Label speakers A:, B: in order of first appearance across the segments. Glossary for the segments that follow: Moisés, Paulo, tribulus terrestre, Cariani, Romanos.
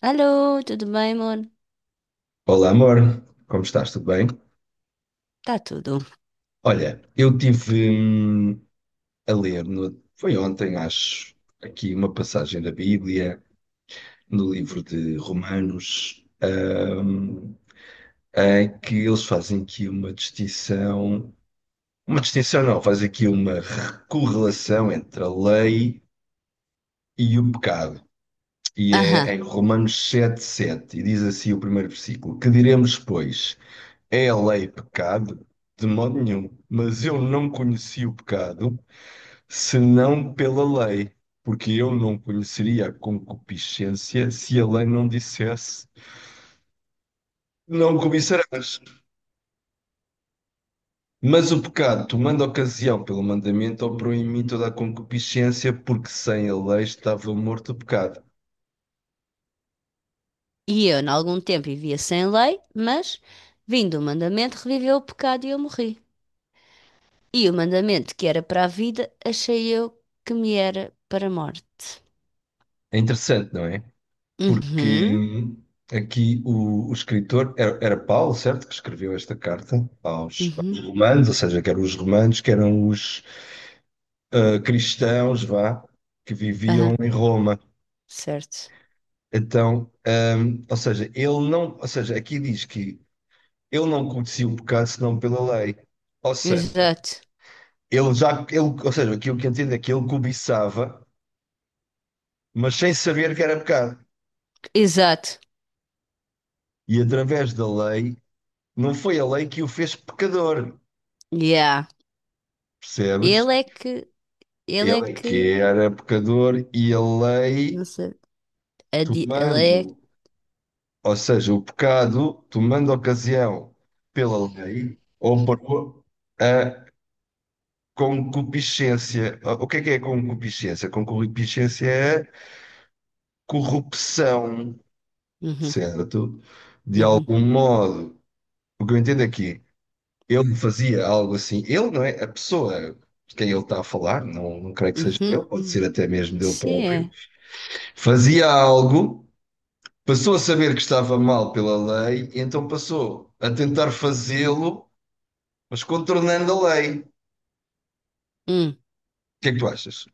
A: Alô, tudo bem, amor?
B: Olá, amor, como estás? Tudo bem?
A: Está tudo.
B: Olha, eu tive a ler, foi ontem, acho, aqui uma passagem da Bíblia, no livro de Romanos, em que eles fazem aqui uma distinção não, fazem aqui uma correlação entre a lei e o pecado. E
A: Aham.
B: é em Romanos 7:7 e diz assim o primeiro versículo: Que diremos, pois? É a lei pecado? De modo nenhum. Mas eu não conheci o pecado senão pela lei, porque eu não conheceria a concupiscência se a lei não dissesse: Não cobiçarás. Mas o pecado, tomando ocasião pelo mandamento, operou em mim toda a concupiscência, porque sem a lei estava morto o pecado.
A: E eu, em algum tempo, vivia sem lei, mas, vindo o mandamento, reviveu o pecado e eu morri. E o mandamento que era para a vida, achei eu que me era para a morte.
B: É interessante, não é? Porque
A: Uhum,
B: aqui o escritor era Paulo, certo? Que escreveu esta carta aos,
A: uhum,
B: aos romanos, ou seja, que eram os romanos, que eram os ah, cristãos, vá, que viviam
A: aham,
B: em Roma.
A: certo.
B: Então, ou seja, ele não, ou seja, aqui diz que ele não conhecia o pecado senão pela lei. Ou seja,
A: Exato,
B: ou seja, aquilo que entendo é que ele cobiçava, mas sem saber que era pecado.
A: exato.
B: E através da lei, não foi a lei que o fez pecador,
A: Yeah.
B: percebes?
A: Ele é que, ele é
B: Ele é que
A: que,
B: era pecador e a lei,
A: não sei, ele é,
B: tomando, ou seja, o pecado, tomando ocasião pela lei ou por a concupiscência. O que é concupiscência? Concupiscência é corrupção,
A: uhum,
B: certo? De
A: uhum,
B: algum modo. O que eu entendo aqui, ele fazia algo assim. Ele não é a pessoa de quem ele está a falar, não, não creio que seja ele,
A: uhum,
B: pode ser
A: uhum.
B: até mesmo dele próprio.
A: Sim,
B: Fazia algo. Passou a saber que estava mal pela lei, e então passou a tentar fazê-lo, mas contornando a lei. O
A: é.
B: que é que tu achas?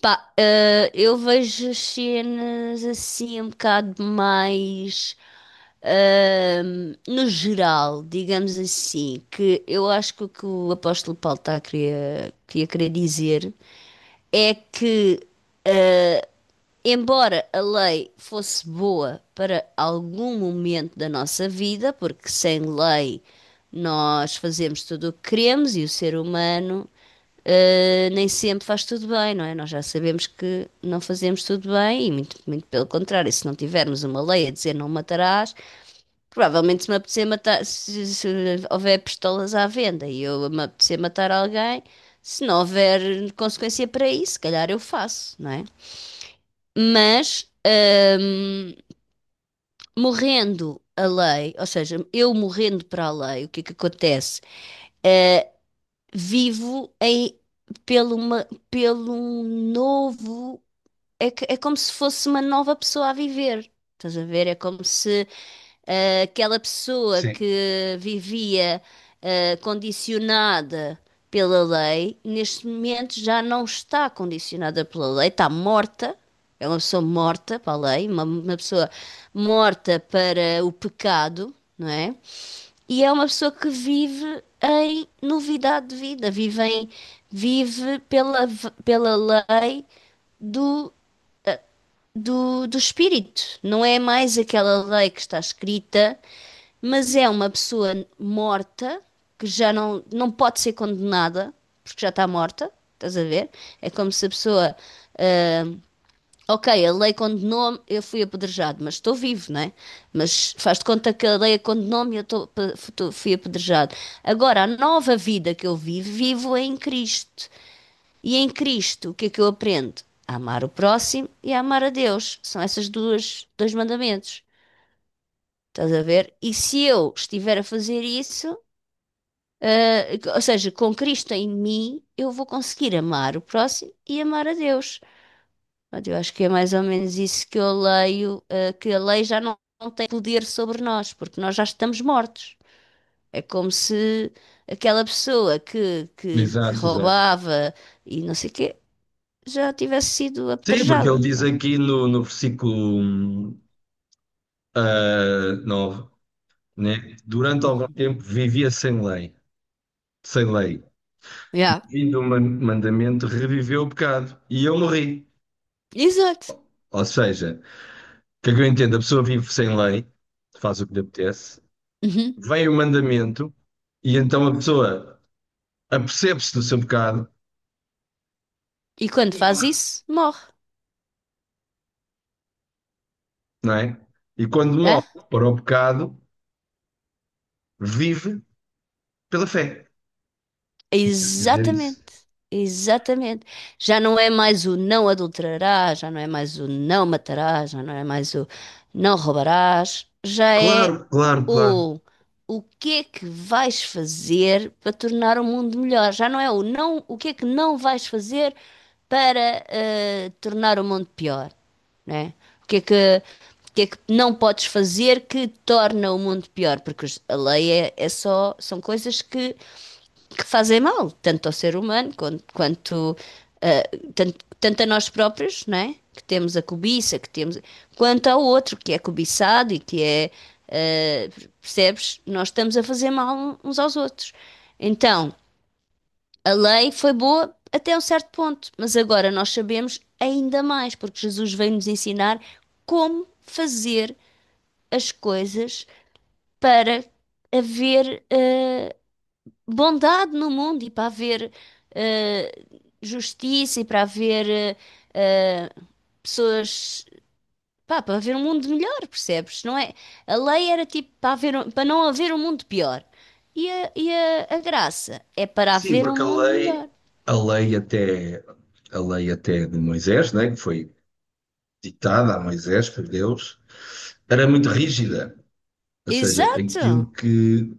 A: Pá, eu vejo as cenas assim um bocado mais no geral, digamos assim, que eu acho que o apóstolo Paulo está a querer, que ia querer dizer é que, eh, embora a lei fosse boa para algum momento da nossa vida, porque sem lei nós fazemos tudo o que queremos e o ser humano nem sempre faz tudo bem, não é? Nós já sabemos que não fazemos tudo bem e muito, muito pelo contrário, se não tivermos uma lei a dizer não matarás, provavelmente se me apetecer matar, se houver pistolas à venda e eu me apetecer matar alguém, se não houver consequência para isso, se calhar eu faço, não é? Mas hum, morrendo a lei, ou seja, eu morrendo para a lei, o que é que acontece? Vivo pelo um novo é como se fosse uma nova pessoa a viver. Estás a ver? É como se aquela pessoa
B: Sim,
A: que vivia condicionada pela lei, neste momento já não está condicionada pela lei, está morta. É uma pessoa morta para a lei, uma pessoa morta para o pecado, não é? E é uma pessoa que vive em novidade de vida, vive, pela lei do do espírito. Não é mais aquela lei que está escrita, mas é uma pessoa morta que já não, não pode ser condenada porque já está morta. Estás a ver? É como se a pessoa. ah, ok, a lei condenou-me, eu fui apedrejado, mas estou vivo, não é? Mas faz de conta que a lei condenou-me e eu fui apedrejado. Agora, a nova vida que eu vivo, vivo em Cristo. E em Cristo, o que é que eu aprendo? A amar o próximo e a amar a Deus. São esses dois mandamentos. Estás a ver? E se eu estiver a fazer isso, ou seja, com Cristo em mim, eu vou conseguir amar o próximo e amar a Deus. Eu acho que é mais ou menos isso que eu leio, que a lei já não, não tem poder sobre nós, porque nós já estamos mortos. É como se aquela pessoa que
B: exato, exato.
A: roubava e não sei o quê já tivesse sido
B: Sim, porque ele
A: apedrejada.
B: diz
A: Pronto.
B: aqui no versículo ah, 9, né? Durante algum tempo vivia sem lei, sem lei.
A: Yeah.
B: Vindo mandamento reviveu o pecado e eu morri.
A: Exato.
B: Ou seja, o que é que eu entendo? A pessoa vive sem lei, faz o que lhe apetece,
A: Uhum.
B: vem o mandamento e então a pessoa apercebe-se do seu pecado,
A: E quando faz isso, morre.
B: não é? E quando
A: Hã?
B: morre para o pecado, vive pela fé. Se dizer isso.
A: Exatamente. Exatamente. Já não é mais o não adulterarás, já não é mais o não matarás, já não é mais o não roubarás, já é
B: Claro, claro, claro.
A: o o que é que vais fazer para tornar o mundo melhor. Já não é o não, o que é que não vais fazer para tornar o mundo pior, né? O que é que o que é que não podes fazer que torna o mundo pior? Porque a lei é só, são coisas que fazem mal, tanto ao ser humano quanto, quanto, tanto, tanto a nós próprios, não é? Que temos a cobiça, que temos, quanto ao outro que é cobiçado e que é, percebes? Nós estamos a fazer mal uns aos outros. Então, a lei foi boa até um certo ponto, mas agora nós sabemos ainda mais, porque Jesus veio nos ensinar como fazer as coisas para haver bondade no mundo e para haver eh, justiça e para haver eh, pessoas, pá, para haver um mundo melhor, percebes? Não é? A lei era tipo para haver, para não haver um mundo pior. E a graça é para
B: Sim,
A: haver um
B: porque
A: mundo melhor.
B: a lei até, a lei até de Moisés, né, que foi ditada a Moisés por Deus, era muito rígida. Ou seja,
A: Exato!
B: aquilo que.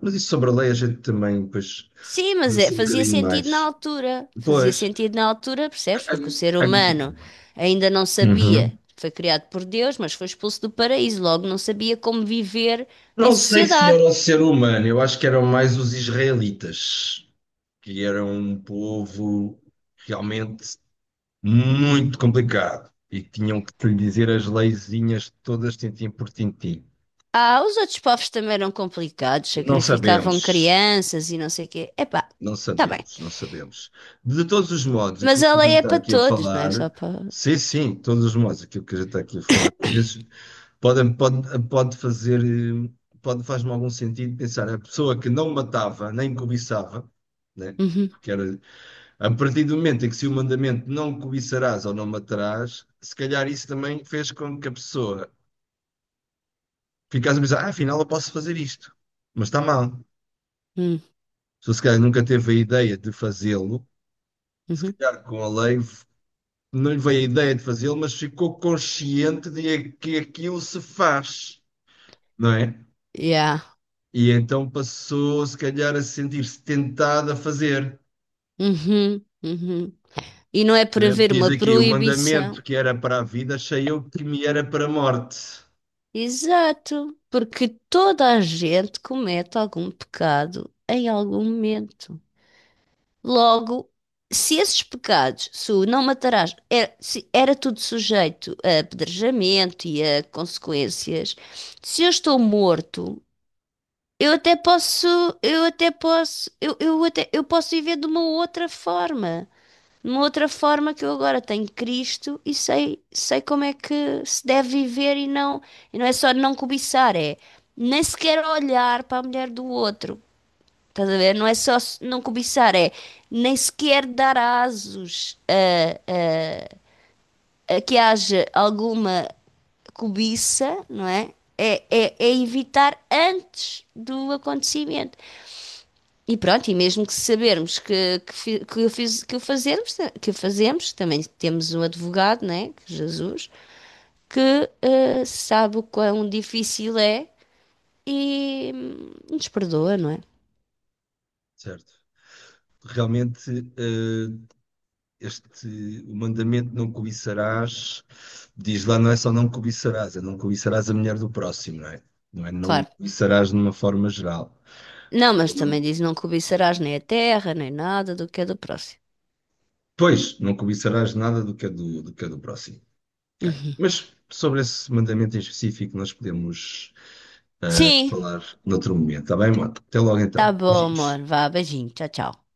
B: Mas isso sobre a lei a gente também, pois,
A: Sim, mas é,
B: lança um
A: fazia
B: bocadinho
A: sentido na
B: mais.
A: altura. Fazia
B: Pois.
A: sentido na altura, percebes?
B: a-
A: Porque o ser
B: a-
A: humano
B: a-
A: ainda não sabia.
B: Uhum.
A: Foi criado por Deus, mas foi expulso do paraíso. Logo, não sabia como viver em
B: Não sei se era
A: sociedade.
B: o ser humano, eu acho que eram mais os israelitas, que eram um povo realmente muito complicado e que tinham que lhe dizer as leizinhas todas tintim por tintim.
A: Ah, os outros povos também eram complicados.
B: Não
A: Sacrificavam
B: sabemos,
A: crianças e não sei o quê. Epá,
B: não
A: tá bem.
B: sabemos, não sabemos. De todos os modos,
A: Mas
B: aquilo
A: a
B: que a
A: lei
B: gente
A: é
B: está
A: para
B: aqui a
A: todos, não é só
B: falar,
A: para...
B: sim, sim, de todos os modos, aquilo que a gente está aqui a falar, às vezes. Pode, pode, pode fazer, pode, faz-me algum sentido pensar, a pessoa que não matava nem cobiçava, né?
A: Uhum,
B: Que era, a partir do momento em que se o mandamento não cobiçarás ou não matarás, se calhar isso também fez com que a pessoa ficasse a pensar, ah, afinal eu posso fazer isto, mas está mal. A
A: uhum,
B: se calhar nunca teve a ideia de fazê-lo, se
A: uhum.
B: calhar com a lei não lhe veio a ideia de fazê-lo, mas ficou consciente de que aquilo se faz, não é?
A: Yeah.
B: E então passou, se calhar, a sentir-se tentado a fazer,
A: Uhum, uhum. E não é por
B: né? Porque
A: haver
B: diz
A: uma
B: aqui, o mandamento
A: proibição.
B: que era para a vida, achei eu que me era para a morte,
A: Exato, porque toda a gente comete algum pecado em algum momento. Logo, se esses pecados, se o não matarás, era, se era tudo sujeito a apedrejamento e a consequências, se eu estou morto, eu até posso, eu até posso, eu até, eu posso viver de uma outra forma. De uma outra forma que eu agora tenho Cristo e sei como é que se deve viver e não é só não cobiçar, é nem sequer olhar para a mulher do outro. Estás a ver? Não é só não cobiçar, é nem sequer dar asos a, a que haja alguma cobiça, não é? É evitar antes do acontecimento. E pronto, e mesmo que sabermos que o fazemos, também temos um advogado, né, que é Jesus, que sabe o quão difícil é e nos perdoa, não é?
B: certo? Realmente, eh, este, o mandamento não cobiçarás, diz lá, não é só não cobiçarás, é não cobiçarás a mulher do próximo, não é? Não é não
A: Claro.
B: cobiçarás de uma forma geral.
A: Não, mas também
B: Não-
A: diz não cobiçarás nem a terra, nem nada do que é do próximo.
B: Pois, não cobiçarás nada do que é do, do que é do próximo. Ok.
A: Uhum.
B: Mas sobre esse mandamento em específico, nós podemos
A: Sim,
B: falar noutro momento, está bem, Mota? Até logo
A: tá
B: então.
A: bom, amor.
B: Beijinhos.
A: Vá, beijinho. Tchau, tchau.